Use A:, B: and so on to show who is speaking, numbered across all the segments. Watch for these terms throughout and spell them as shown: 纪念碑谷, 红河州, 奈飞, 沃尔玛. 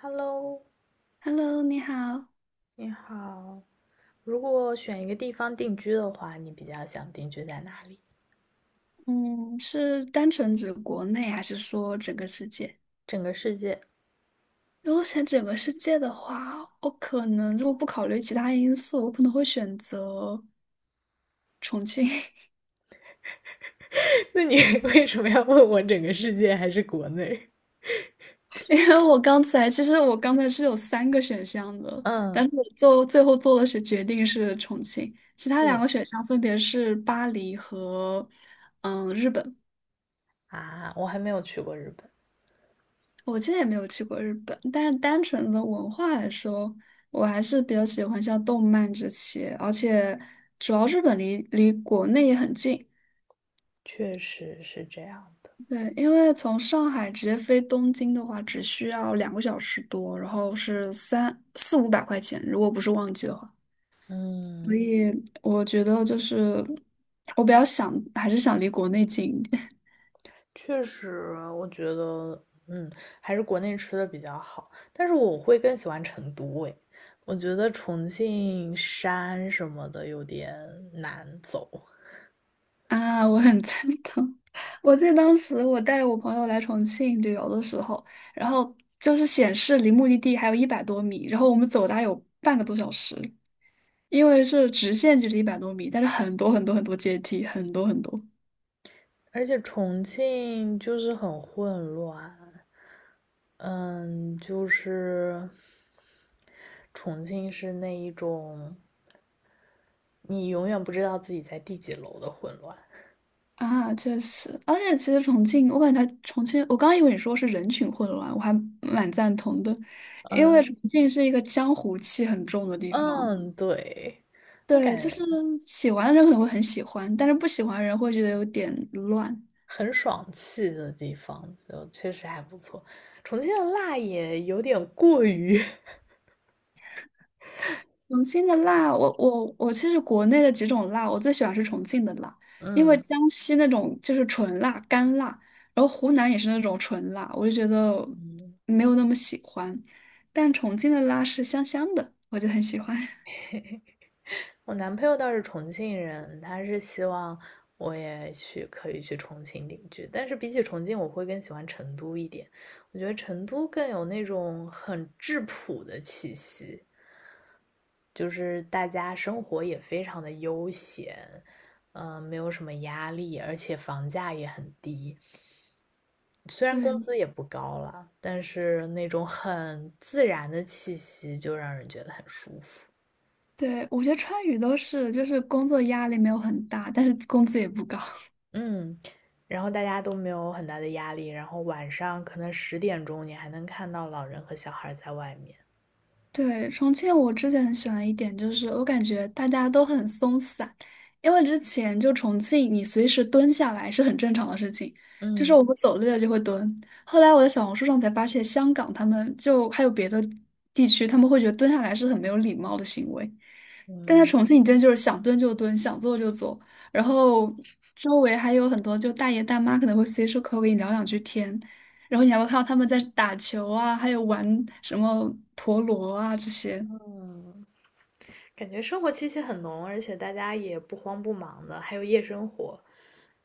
A: Hello，
B: Hello，你好，
A: 你好。如果选一个地方定居的话，你比较想定居在哪里？
B: 嗯是单纯指国内还是说整个世界？
A: 整个世界？
B: 如果选整个世界的话，我可能如果不考虑其他因素，我可能会选择重庆。
A: 那你 为什么要问我整个世界还是国内？
B: 因为我刚才是有三个选项的，
A: 嗯，
B: 但是我做最后做了是决定是重庆，其他两
A: 你
B: 个选项分别是巴黎和日本。
A: 啊，我还没有去过日本，
B: 我之前也没有去过日本，但是单纯的文化来说，我还是比较喜欢像动漫这些，而且主要日本离国内也很近。
A: 确实是这样的。
B: 对，因为从上海直接飞东京的话，只需要2个小时多，然后是三四五百块钱，如果不是旺季的话。所
A: 嗯，
B: 以我觉得就是我比较想，还是想离国内近一点。
A: 确实，我觉得，还是国内吃的比较好。但是我会更喜欢成都，诶，我觉得重庆山什么的有点难走。
B: 啊，我很赞同。我记得当时我带我朋友来重庆旅游的时候，然后就是显示离目的地还有一百多米，然后我们走大概有半个多小时，因为是直线距离一百多米，但是很多很多很多阶梯，很多很多
A: 而且重庆就是很混乱，嗯，就是重庆是那一种你永远不知道自己在第几楼的混乱，
B: 啊，确实。而且其实重庆，我感觉它重庆，我刚刚以为你说是人群混乱，我还蛮赞同的，因为重
A: 嗯
B: 庆是一个江湖气很重的地方。
A: 嗯，对，我
B: 对，
A: 感
B: 就是
A: 觉
B: 喜欢的人可能会很喜欢，但是不喜欢的人会觉得有点乱。
A: 很爽气的地方就确实还不错，重庆的辣也有点过于，
B: 重庆的辣，我其实国内的几种辣，我最喜欢是重庆的辣，因为
A: 嗯
B: 江西那种就是纯辣、干辣，然后湖南也是那种纯辣，我就觉得
A: 嗯。
B: 没有那么喜欢。但重庆的辣是香香的，我就很喜欢。
A: 我男朋友倒是重庆人，他是希望我也去可以去重庆定居，但是比起重庆，我会更喜欢成都一点。我觉得成都更有那种很质朴的气息，就是大家生活也非常的悠闲，没有什么压力，而且房价也很低，虽然
B: 对
A: 工资也不高了，但是那种很自然的气息就让人觉得很舒服。
B: 对，我觉得川渝都是，就是工作压力没有很大，但是工资也不高。
A: 嗯，然后大家都没有很大的压力，然后晚上可能10点钟你还能看到老人和小孩在外面。
B: 对，重庆我之前很喜欢的一点就是，我感觉大家都很松散，因为之前就重庆，你随时蹲下来是很正常的事情，就是
A: 嗯
B: 我们走累了就会蹲。后来我在小红书上才发现，香港他们就还有别的地区，他们会觉得蹲下来是很没有礼貌的行为。但在
A: 嗯。
B: 重庆，你真就是想蹲就蹲，想坐就坐，然后周围还有很多就大爷大妈可能会随手可口跟你聊两句天，然后你还会看到他们在打球啊，还有玩什么陀螺啊这些
A: 嗯。感觉生活气息很浓，而且大家也不慌不忙的，还有夜生活。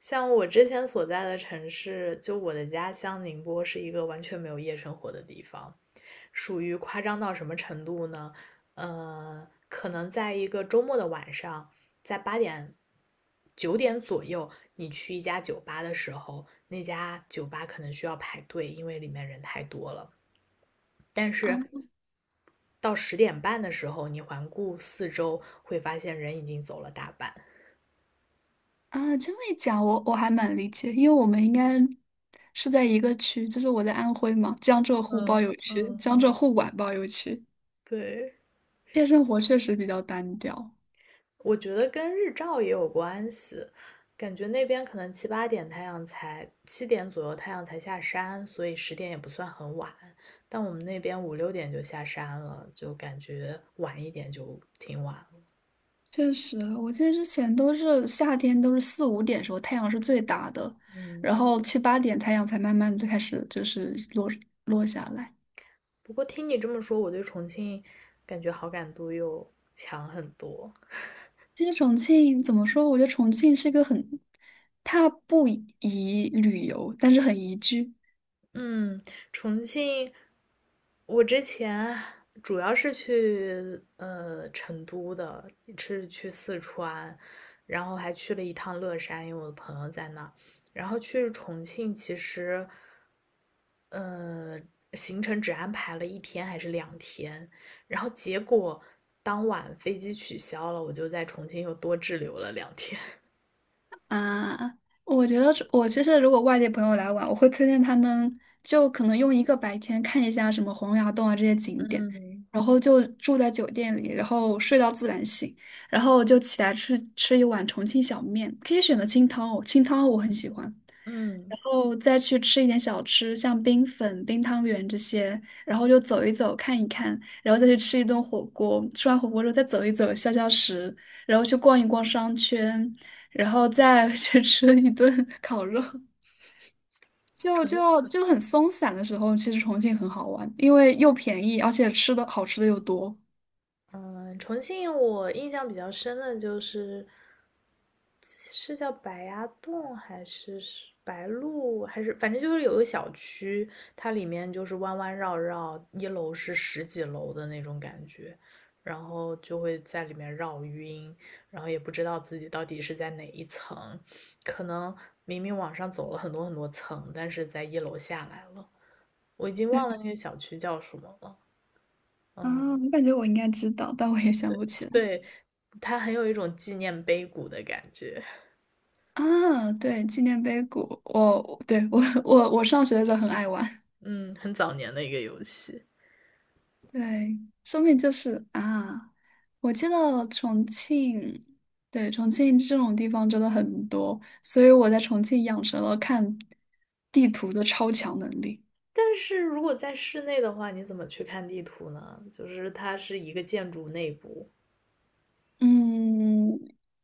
A: 像我之前所在的城市，就我的家乡宁波是一个完全没有夜生活的地方，属于夸张到什么程度呢？可能在一个周末的晚上，在八点、9点左右，你去一家酒吧的时候，那家酒吧可能需要排队，因为里面人太多了。但
B: 啊
A: 是到10点半的时候，你环顾四周，会发现人已经走了大半。
B: 啊，这么一讲我还蛮理解，因为我们应该是在一个区，就是我在安徽嘛，江浙沪包
A: 嗯
B: 邮区，
A: 嗯。
B: 江浙沪皖包邮区，
A: 对，
B: 夜生活确实比较单调。
A: 我觉得跟日照也有关系，感觉那边可能七八点太阳才，7点左右太阳才下山，所以十点也不算很晚。但我们那边五六点就下山了，就感觉晚一点就挺晚了。
B: 确实，我记得之前都是夏天，都是四五点时候太阳是最大的，
A: 嗯。
B: 然后七八点太阳才慢慢的开始就是落下来。
A: 不过听你这么说，我对重庆感觉好感度又强很多。
B: 其实重庆怎么说？我觉得重庆是一个很，它不宜旅游，但是很宜居。
A: 嗯，重庆我之前主要是去成都的，是去四川，然后还去了一趟乐山，因为我的朋友在那儿然后去重庆，其实行程只安排了1天还是两天，然后结果当晚飞机取消了，我就在重庆又多滞留了两天。
B: 啊，我觉得这我其实如果外地朋友来玩，我会推荐他们就可能用一个白天看一下什么洪崖洞啊这些景点，然后就住在酒店里，然后睡到自然醒，然后就起来吃一碗重庆小面，可以选择清汤哦，清汤我很喜欢。
A: 嗯，
B: 然后再去吃一点小吃，像冰粉、冰汤圆这些，然后就走一走、看一看，然后再去吃一顿火锅。吃完火锅之后再走一走、消消食，然后去逛一逛商圈，然后再 去吃一顿烤肉。
A: 重
B: 就很松散的时候，其实重庆很好玩，因为又便宜，而且吃的好吃的又多。
A: 嗯，重庆我印象比较深的就是，是叫白崖洞还是是白鹿，还是反正就是有个小区，它里面就是弯弯绕绕，一楼是十几楼的那种感觉，然后就会在里面绕晕，然后也不知道自己到底是在哪一层，可能明明往上走了很多很多层，但是在一楼下来了，我已经
B: 对
A: 忘了那个小区叫什么了。
B: 啊，
A: 嗯，
B: 我感觉我应该知道，但我也想不起来
A: 对，它很有一种纪念碑谷的感觉，
B: 啊。对，纪念碑谷，我对我我我上学的时候很爱玩。
A: 嗯，很早年的一个游戏。
B: 对，说明就是啊，我记得重庆，对，重庆这种地方真的很多，所以我在重庆养成了看地图的超强能力。
A: 但是如果在室内的话，你怎么去看地图呢？就是它是一个建筑内部，
B: 嗯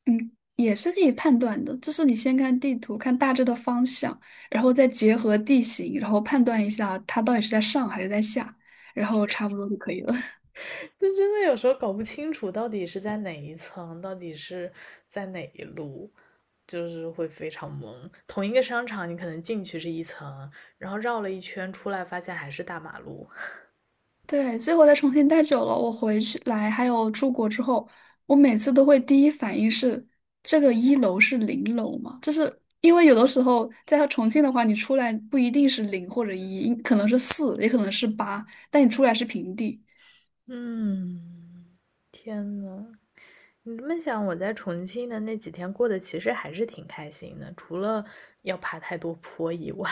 B: 嗯，也是可以判断的，就是你先看地图，看大致的方向，然后再结合地形，然后判断一下它到底是在上还是在下，然后差不多就可以了。
A: 就真的有时候搞不清楚到底是在哪一层，到底是在哪一路，就是会非常懵。同一个商场，你可能进去是一层，然后绕了一圈出来，发现还是大马路。
B: 对，最后在重庆待久了，我回去来还有出国之后，我每次都会第一反应是这个一楼是零楼嘛？就是因为有的时候在重庆的话，你出来不一定是零或者一，可能是四，也可能是八，但你出来是平地
A: 嗯，天呐，你这么想，我在重庆的那几天过得其实还是挺开心的，除了要爬太多坡以外。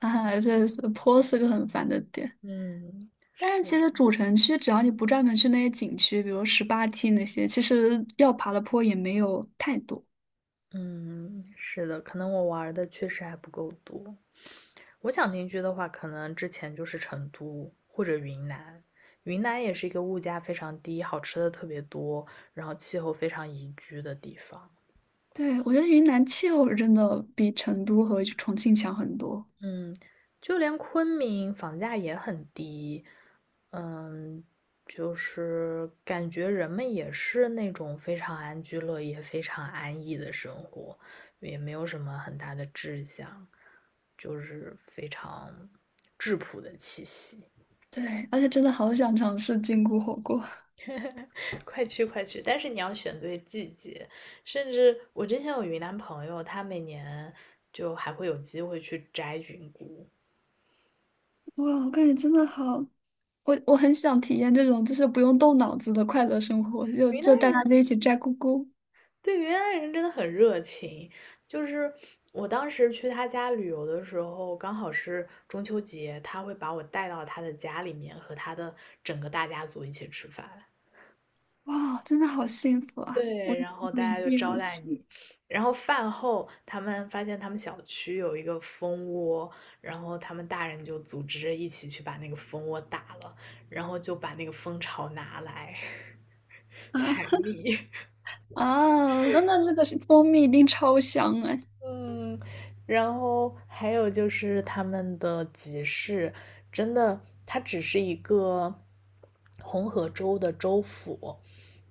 B: 啊。这是坡是个很烦的点。
A: 嗯，
B: 但是
A: 是。
B: 其实主城区，只要你不专门去那些景区，比如十八梯那些，其实要爬的坡也没有太多。
A: 嗯，是的，可能我玩儿的确实还不够多。我想定居的话，可能之前就是成都或者云南。云南也是一个物价非常低、好吃的特别多，然后气候非常宜居的地方。
B: 对，我觉得云南气候是真的比成都和重庆强很多。
A: 嗯，就连昆明房价也很低。嗯，就是感觉人们也是那种非常安居乐业、非常安逸的生活，也没有什么很大的志向。就是非常质朴的气息。
B: 对，而且真的好想尝试菌菇火锅。
A: 快去快去！但是你要选对季节，甚至我之前有云南朋友，他每年就还会有机会去摘菌菇。
B: 哇，我感觉真的好，我很想体验这种就是不用动脑子的快乐生活，
A: 云南
B: 就带大
A: 人
B: 家就一起摘菇菇。
A: 对云南人真的很热情，就是我当时去他家旅游的时候，刚好是中秋节，他会把我带到他的家里面，和他的整个大家族一起吃饭。
B: 哇，真的好幸福啊！
A: 对，然后
B: 我
A: 大
B: 一
A: 家就
B: 定
A: 招
B: 要
A: 待
B: 吃
A: 你，然后饭后他们发现他们小区有一个蜂窝，然后他们大人就组织着一起去把那个蜂窝打了，然后就把那个蜂巢拿来
B: 啊
A: 采蜜。
B: 啊！那这个是蜂蜜一定超香哎！
A: 嗯，然后还有就是他们的集市，真的，它只是一个红河州的州府，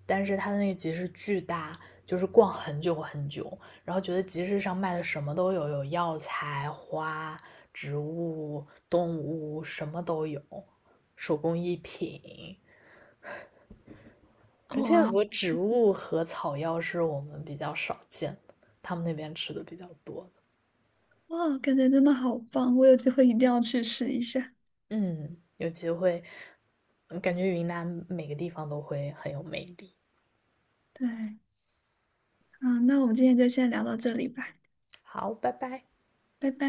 A: 但是它的那个集市巨大，就是逛很久很久，然后觉得集市上卖的什么都有，有药材、花、植物、动物，什么都有，手工艺品，而且我
B: 哇
A: 植物和草药是我们比较少见的，他们那边吃的比较多。
B: 哇，感觉真的好棒！我有机会一定要去试一下。
A: 嗯，有机会，感觉云南每个地方都会很有魅力。
B: 对，嗯，那我们今天就先聊到这里吧，
A: 好，拜拜。
B: 拜拜。